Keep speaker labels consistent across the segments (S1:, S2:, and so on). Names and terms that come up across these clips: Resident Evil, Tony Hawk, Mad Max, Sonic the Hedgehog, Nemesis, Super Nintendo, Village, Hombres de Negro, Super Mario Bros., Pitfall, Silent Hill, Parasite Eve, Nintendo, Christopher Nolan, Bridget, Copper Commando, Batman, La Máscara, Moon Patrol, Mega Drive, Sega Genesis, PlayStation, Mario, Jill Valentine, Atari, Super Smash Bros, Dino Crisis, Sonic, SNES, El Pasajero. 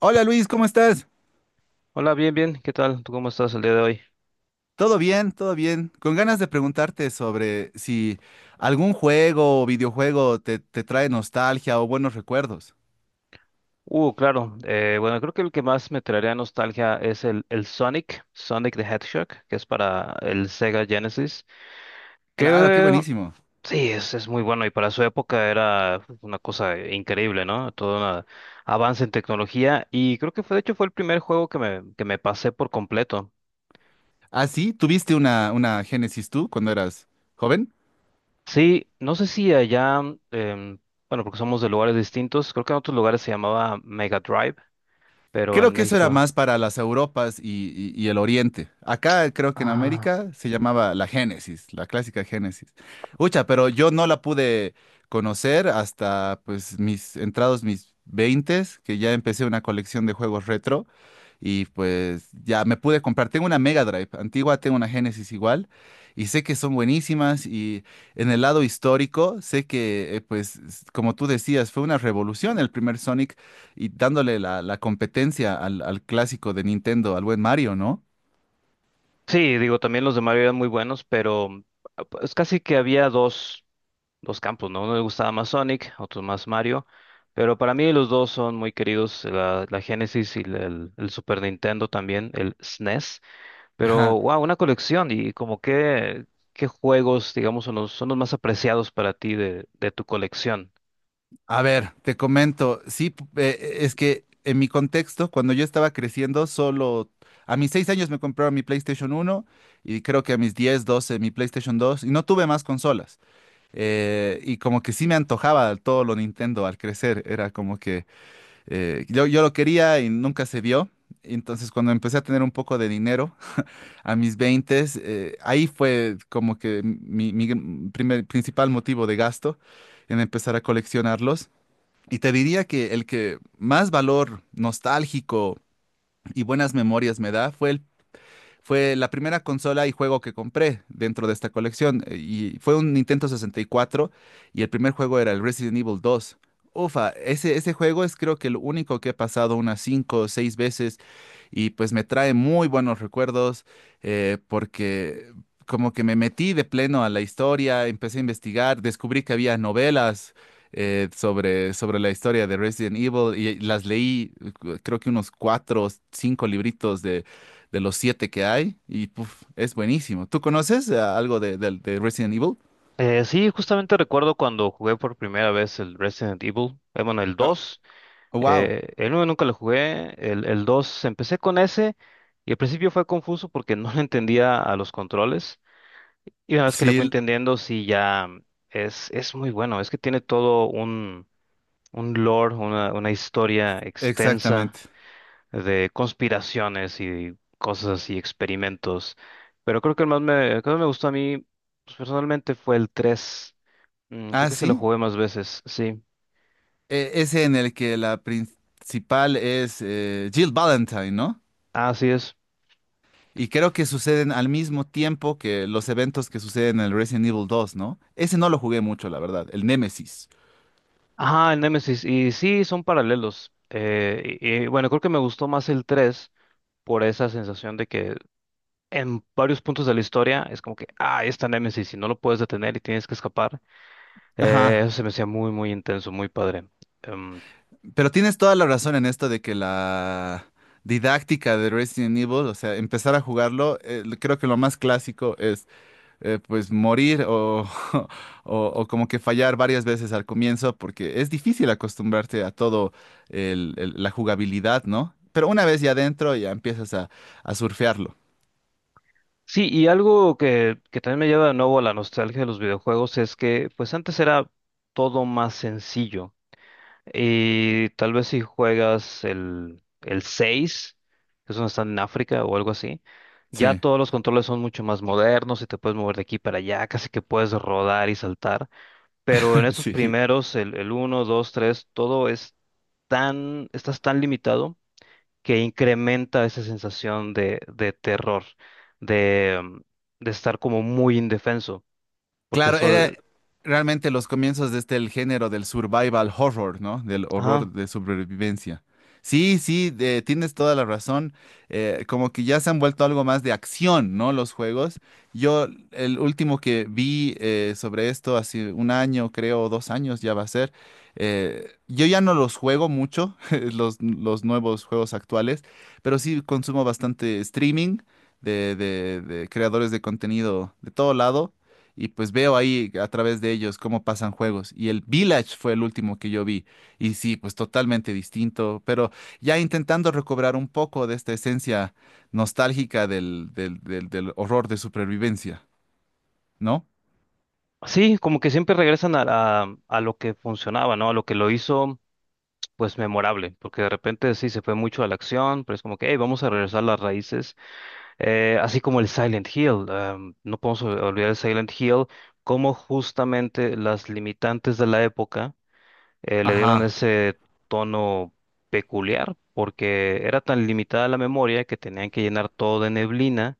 S1: Hola Luis, ¿cómo estás?
S2: Hola, bien, bien, ¿qué tal? ¿Tú cómo estás el día de hoy?
S1: Todo bien, todo bien. Con ganas de preguntarte sobre si algún juego o videojuego te trae nostalgia o buenos recuerdos.
S2: Claro, bueno, creo que el que más me traería nostalgia es el Sonic, Sonic the Hedgehog, que es para el Sega Genesis,
S1: Claro, qué
S2: que
S1: buenísimo.
S2: sí, es muy bueno y para su época era una cosa increíble, ¿no? Todo un avance en tecnología y creo que fue, de hecho, fue el primer juego que que me pasé por completo.
S1: ¿Ah, sí? ¿Tuviste una Génesis tú cuando eras joven?
S2: Sí, no sé si allá, em, bueno, porque somos de lugares distintos, creo que en otros lugares se llamaba Mega Drive, pero
S1: Creo
S2: en
S1: que eso era
S2: México...
S1: más para las Europas y el Oriente. Acá creo que en
S2: Ah.
S1: América se llamaba la Génesis, la clásica Génesis. Ucha, pero yo no la pude conocer hasta pues mis entrados mis veintes, que ya empecé una colección de juegos retro y pues ya me pude comprar. Tengo una Mega Drive antigua, tengo una Genesis igual y sé que son buenísimas y en el lado histórico sé que pues como tú decías fue una revolución el primer Sonic y dándole la competencia al clásico de Nintendo, al buen Mario, ¿no?
S2: Sí, digo, también los de Mario eran muy buenos, pero es casi que había dos, dos campos, ¿no? Uno le gustaba más Sonic, otro más Mario, pero para mí los dos son muy queridos, la Genesis y la- el Super Nintendo también, el SNES,
S1: Ajá.
S2: pero wow, una colección y como que, qué juegos, digamos, son son los más apreciados para ti de tu colección.
S1: A ver, te comento, sí, es que en mi contexto, cuando yo estaba creciendo, solo a mis seis años me compraron mi PlayStation uno y creo que a mis 10 12 mi PlayStation dos y no tuve más consolas. Y como que sí me antojaba todo lo Nintendo al crecer, era como que yo lo quería y nunca se dio. Entonces cuando empecé a tener un poco de dinero, a mis 20, ahí fue como que mi primer, principal motivo de gasto en empezar a coleccionarlos. Y te diría que el que más valor nostálgico y buenas memorias me da fue la primera consola y juego que compré dentro de esta colección. Y fue un Nintendo sesenta y cuatro y el primer juego era el Resident Evil dos. Ufa, ese juego es creo que el único que he pasado unas 5 o 6 veces y pues me trae muy buenos recuerdos, porque como que me metí de pleno a la historia, empecé a investigar, descubrí que había novelas sobre la historia de Resident Evil y las leí. Creo que unos cuatro o cinco libritos de los siete que hay y puf, es buenísimo. ¿Tú conoces algo de Resident Evil?
S2: Sí, justamente recuerdo cuando jugué por primera vez el Resident Evil, bueno, el 2.
S1: Oh, wow.
S2: El uno nunca lo jugué, el 2 empecé con ese y al principio fue confuso porque no le entendía a los controles y una vez que le fui
S1: Sí,
S2: entendiendo, sí, ya es muy bueno, es que tiene todo un lore, una historia extensa
S1: exactamente.
S2: de conspiraciones y cosas así, experimentos, pero creo que el que más me gustó a mí, pues, personalmente fue el 3. Creo
S1: Ah,
S2: que se lo
S1: sí.
S2: jugué más veces, sí.
S1: Ese en el que la principal es Jill Valentine, ¿no?
S2: Así es.
S1: Y creo que suceden al mismo tiempo que los eventos que suceden en el Resident Evil 2, ¿no? Ese no lo jugué mucho, la verdad, el Nemesis.
S2: Ajá, el Nemesis. Y sí, son paralelos. Bueno, creo que me gustó más el 3 por esa sensación de que en varios puntos de la historia es como que, ah, ahí está Nemesis y no lo puedes detener y tienes que escapar.
S1: Ajá.
S2: Eso se me hacía muy, muy intenso, muy padre. Em,
S1: Pero tienes toda la razón en esto de que la didáctica de Resident Evil, o sea, empezar a jugarlo, creo que lo más clásico es pues morir o, o como que fallar varias veces al comienzo, porque es difícil acostumbrarte a todo la jugabilidad, ¿no? Pero una vez ya adentro ya empiezas a surfearlo.
S2: sí, y algo que también me lleva de nuevo a la nostalgia de los videojuegos es que pues antes era todo más sencillo. Y tal vez si juegas el seis, que es donde están en África o algo así, ya
S1: Sí,
S2: todos los controles son mucho más modernos y te puedes mover de aquí para allá, casi que puedes rodar y saltar. Pero en esos
S1: sí.
S2: primeros, el uno, dos, tres, todo es tan, estás tan limitado que incrementa esa sensación de terror, de, de estar como muy indefenso, porque
S1: Claro, era
S2: eso,
S1: realmente los comienzos de este el género del survival horror, ¿no? Del
S2: ajá.
S1: horror de sobrevivencia. Sí, sí, tienes toda la razón. Como que ya se han vuelto algo más de acción, ¿no? Los juegos. Yo, el último que vi sobre esto hace un año, creo, o dos años ya va a ser. Yo ya no los juego mucho, los nuevos juegos actuales, pero sí consumo bastante streaming de creadores de contenido de todo lado. Y pues veo ahí a través de ellos cómo pasan juegos. Y el Village fue el último que yo vi. Y sí, pues totalmente distinto, pero ya intentando recobrar un poco de esta esencia nostálgica del horror de supervivencia, ¿no?
S2: Sí, como que siempre regresan a, a lo que funcionaba, ¿no? A lo que lo hizo pues memorable, porque de repente sí se fue mucho a la acción, pero es como que, hey, vamos a regresar a las raíces. Así como el Silent Hill, no podemos ol- olvidar el Silent Hill, cómo justamente las limitantes de la época le dieron
S1: Ajá.
S2: ese tono peculiar, porque era tan limitada la memoria que tenían que llenar todo de neblina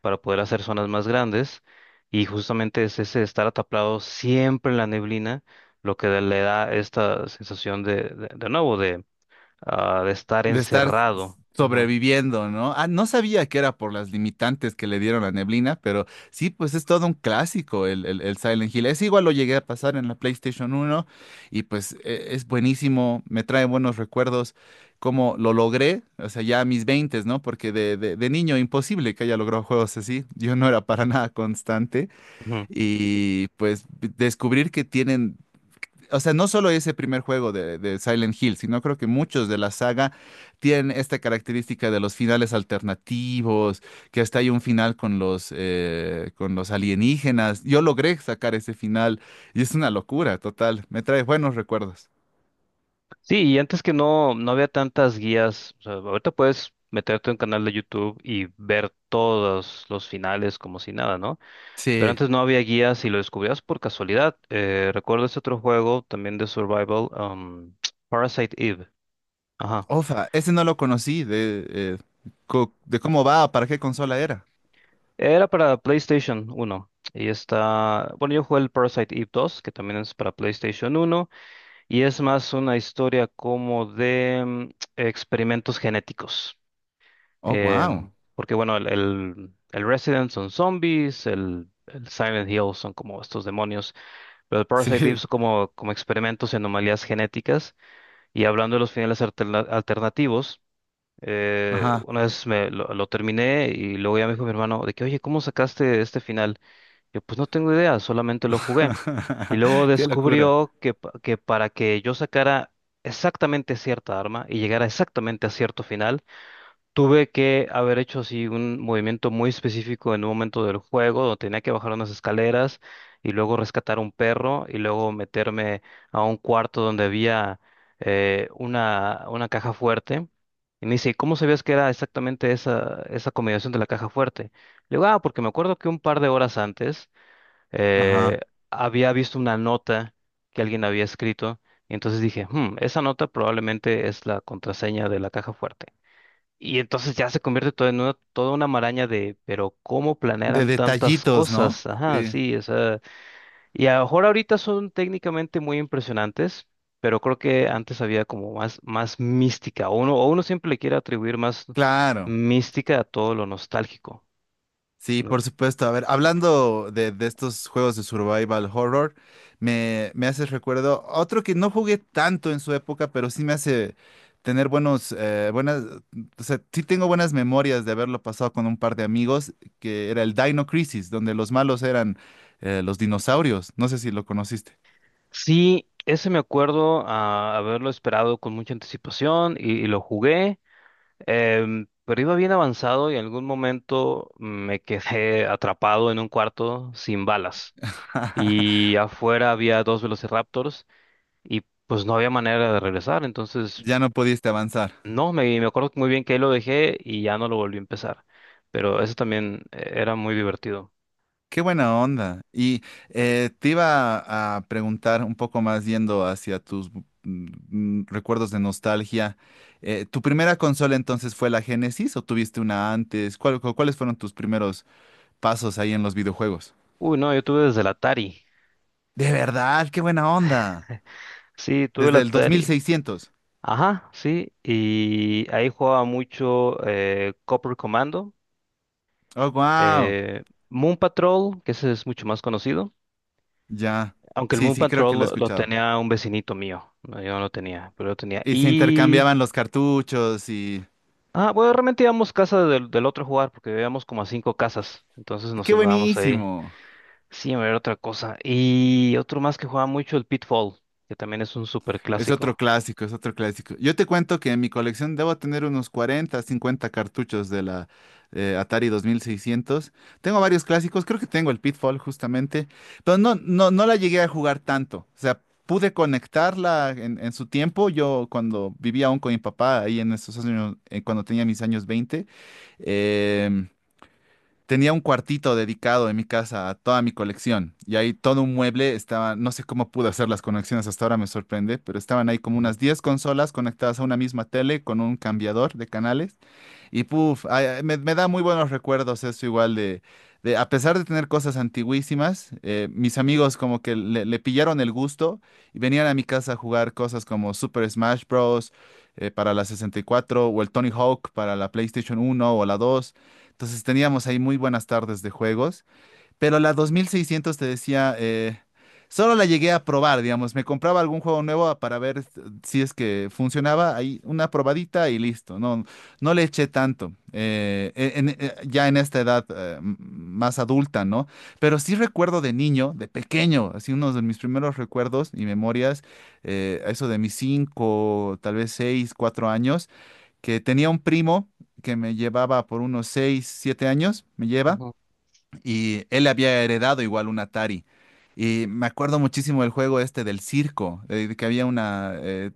S2: para poder hacer zonas más grandes, y justamente es ese estar ataplado siempre en la neblina lo que le da esta sensación de, de nuevo, ah, de estar
S1: De estar
S2: encerrado. Ajá.
S1: sobreviviendo, ¿no? Ah, no sabía que era por las limitantes que le dieron a Neblina, pero sí, pues es todo un clásico el Silent Hill. Es igual lo llegué a pasar en la PlayStation uno y pues es buenísimo, me trae buenos recuerdos, cómo lo logré, o sea, ya a mis 20, ¿no? Porque de niño imposible que haya logrado juegos así, yo no era para nada constante
S2: Ujú.
S1: y pues descubrir que tienen... O sea, no solo ese primer juego de Silent Hill, sino creo que muchos de la saga tienen esta característica de los finales alternativos, que hasta hay un final con los alienígenas. Yo logré sacar ese final y es una locura total. Me trae buenos recuerdos.
S2: Sí, y antes que no había tantas guías. O sea, ahorita puedes meterte en un canal de YouTube y ver todos los finales como si nada, ¿no? Pero
S1: Sí.
S2: antes no había guías y lo descubrías por casualidad. Recuerdo ese otro juego también de survival, Parasite Eve. Ajá.
S1: Ofa, ese no lo conocí de, de cómo va, para qué consola era.
S2: Era para PlayStation uno. Y está, bueno, yo jugué el Parasite Eve dos, que también es para PlayStation uno. Y es más una historia como de experimentos genéticos.
S1: Oh, wow.
S2: Porque bueno, el Resident son zombies, el Silent Hill son como estos demonios, pero el Parasite Eve
S1: Sí,
S2: son como, como experimentos y anomalías genéticas. Y hablando de los finales alterna- alternativos,
S1: ajá.
S2: una vez lo terminé y luego ya me dijo mi hermano de que, oye, ¿cómo sacaste este final? Yo pues no tengo idea, solamente lo jugué. Y luego
S1: Qué locura.
S2: descubrió que, pa- que para que yo sacara exactamente cierta arma y llegara exactamente a cierto final, tuve que haber hecho así un movimiento muy específico en un momento del juego, donde tenía que bajar unas escaleras y luego rescatar un perro y luego meterme a un cuarto donde había una caja fuerte. Y me dice, "¿Y cómo sabías que era exactamente esa, esa combinación de la caja fuerte?" Le digo, ah, porque me acuerdo que un par de horas antes
S1: Ajá.
S2: eh, había visto una nota que alguien había escrito, y entonces dije, "Hmm, esa nota probablemente es la contraseña de la caja fuerte." Y entonces ya se convierte todo en una, toda una maraña de, pero ¿cómo
S1: De
S2: planearan tantas
S1: detallitos, ¿no?
S2: cosas? Ajá,
S1: Sí,
S2: sí, o sea, y a lo mejor ahorita son técnicamente muy impresionantes, pero creo que antes había como más, más mística, o uno siempre le quiere atribuir más
S1: claro.
S2: mística a todo lo nostálgico,
S1: Sí, por
S2: ¿no?
S1: supuesto. A ver, hablando de estos juegos de survival horror, me hace recuerdo otro que no jugué tanto en su época, pero sí me hace tener buenos, buenas, o sea, sí tengo buenas memorias de haberlo pasado con un par de amigos, que era el Dino Crisis, donde los malos eran los dinosaurios. No sé si lo conociste.
S2: Sí, ese me acuerdo ah, haberlo esperado con mucha anticipación y lo jugué, pero iba bien avanzado y en algún momento me quedé atrapado en un cuarto sin balas y afuera había dos velociraptors y pues no había manera de regresar, entonces
S1: Ya no pudiste avanzar.
S2: no, me acuerdo muy bien que ahí lo dejé y ya no lo volví a empezar, pero eso también era muy divertido.
S1: Qué buena onda. Te iba a preguntar un poco más yendo hacia tus recuerdos de nostalgia. ¿Tu primera consola entonces fue la Genesis o tuviste una antes? ¿Cuáles fueron tus primeros pasos ahí en los videojuegos?
S2: Uy, no, yo tuve desde el Atari,
S1: De verdad, qué buena onda.
S2: sí, tuve el
S1: Desde el dos mil
S2: Atari.
S1: seiscientos.
S2: Ajá, sí, y ahí jugaba mucho Copper Commando,
S1: Oh, wow.
S2: eh, Moon Patrol, que ese es mucho más conocido,
S1: Ya.
S2: aunque el
S1: Sí,
S2: Moon
S1: sí, creo
S2: Patrol
S1: que lo he
S2: lo
S1: escuchado.
S2: tenía un vecinito mío, no, yo no lo tenía, pero lo tenía.
S1: Y se
S2: Y,
S1: intercambiaban los cartuchos y...
S2: ah, bueno, realmente íbamos casa del otro a jugar, porque vivíamos como a cinco casas, entonces nos
S1: ¡Qué
S2: andábamos ahí.
S1: buenísimo!
S2: Sí, a ver otra cosa. Y otro más que jugaba mucho, el Pitfall, que también es un súper
S1: Es otro
S2: clásico.
S1: clásico, es otro clásico. Yo te cuento que en mi colección debo tener unos 40, 50 cartuchos de la Atari 2600. Tengo varios clásicos, creo que tengo el Pitfall justamente, pero no la llegué a jugar tanto. O sea, pude conectarla en su tiempo. Yo cuando vivía aún con mi papá, ahí en esos años, cuando tenía mis años 20. em, Tenía un cuartito dedicado en mi casa a toda mi colección y ahí todo un mueble estaba, no sé cómo pude hacer las conexiones hasta ahora, me sorprende, pero estaban ahí como unas 10 consolas conectadas a una misma tele con un cambiador de canales y puf, ay, me da muy buenos recuerdos eso igual de a pesar de tener cosas antiguísimas, mis amigos como que le pillaron el gusto y venían a mi casa a jugar cosas como Super Smash Bros. Para la 64 o el Tony Hawk para la PlayStation 1 o la 2. Entonces teníamos ahí muy buenas tardes de juegos. Pero la 2600 te decía, solo la llegué a probar, digamos. Me compraba algún juego nuevo para ver si es que funcionaba. Ahí una probadita y listo. No, no le eché tanto. Ya en esta edad más adulta, ¿no? Pero sí recuerdo de niño, de pequeño, así uno de mis primeros recuerdos y memorias, a eso de mis 5 tal vez 6 4 años, que tenía un primo que me llevaba por unos 6 7 años, me lleva y él había heredado igual un Atari. Y me acuerdo muchísimo del juego este del circo, de que había una...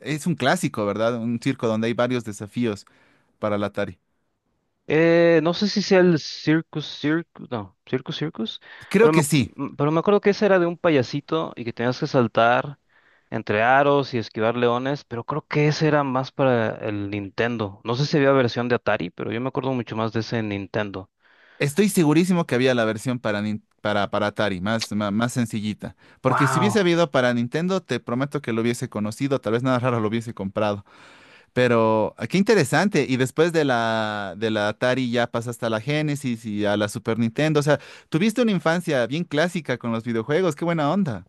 S1: es un clásico, ¿verdad? Un circo donde hay varios desafíos para el Atari.
S2: No sé si sea el Circus Circus, no, Circus Circus,
S1: Creo
S2: pero me,
S1: que sí.
S2: pero me acuerdo que ese era de un payasito y que tenías que saltar entre aros y esquivar leones, pero creo que ese era más para el Nintendo. No sé si había versión de Atari, pero yo me acuerdo mucho más de ese Nintendo.
S1: Estoy segurísimo que había la versión para, para Atari, más, más, sencillita. Porque si hubiese
S2: Wow.
S1: habido para Nintendo, te prometo que lo hubiese conocido, tal vez nada raro lo hubiese comprado. Pero ah, qué interesante. Y después de la Atari ya pasaste a la Genesis y a la Super Nintendo. O sea, tuviste una infancia bien clásica con los videojuegos. Qué buena onda.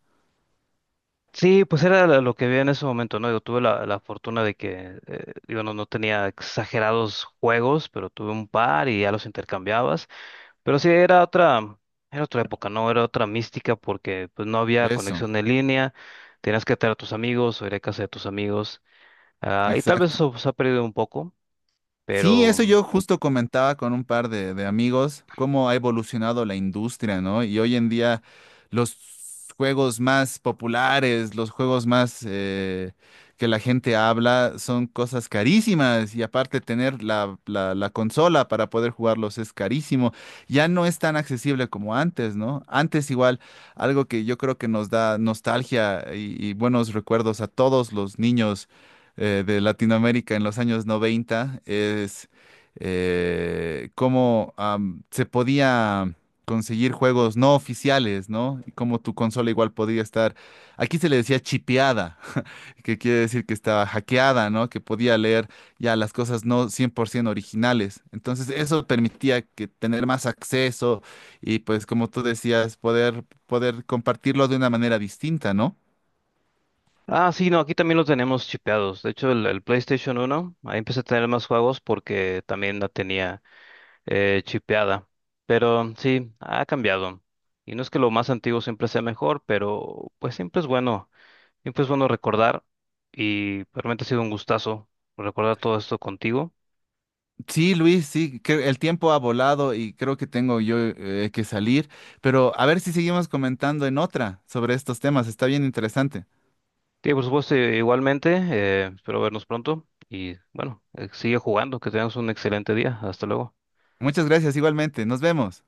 S2: Sí, pues era lo que vi en ese momento, ¿no? Yo tuve la fortuna de que, digo, no tenía exagerados juegos, pero tuve un par y ya los intercambiabas. Pero sí, era otra época, ¿no? Era otra mística porque pues no había
S1: Eso,
S2: conexión en línea, tenías que estar a tus amigos o ir a casa de tus amigos. Ah, y tal vez
S1: exacto.
S2: eso se ha perdido un poco,
S1: Sí, eso
S2: pero...
S1: yo justo comentaba con un par de amigos, cómo ha evolucionado la industria, ¿no? Y hoy en día los juegos más populares, los juegos más que la gente habla, son cosas carísimas y aparte tener la consola para poder jugarlos es carísimo. Ya no es tan accesible como antes, ¿no? Antes igual, algo que yo creo que nos da nostalgia y buenos recuerdos a todos los niños de Latinoamérica en los años 90 es cómo se podía conseguir juegos no oficiales, ¿no? Y cómo tu consola igual podía estar, aquí se le decía chipeada, que quiere decir que estaba hackeada, ¿no? Que podía leer ya las cosas no 100% originales. Entonces eso permitía que tener más acceso y pues como tú decías, poder, poder compartirlo de una manera distinta, ¿no?
S2: Ah, sí, no, aquí también lo tenemos chipeados. De hecho, el PlayStation uno, ahí empecé a tener más juegos porque también la tenía chipeada. Pero sí, ha cambiado. Y no es que lo más antiguo siempre sea mejor, pero pues siempre es bueno. Y pues bueno, recordar, y realmente ha sido un gustazo recordar todo esto contigo.
S1: Sí, Luis, sí, que el tiempo ha volado y creo que tengo yo que salir, pero a ver si seguimos comentando en otra sobre estos temas, está bien interesante.
S2: Sí, por supuesto, igualmente, espero vernos pronto y bueno, sigue jugando, que tengas un excelente día. Hasta luego.
S1: Muchas gracias igualmente, nos vemos.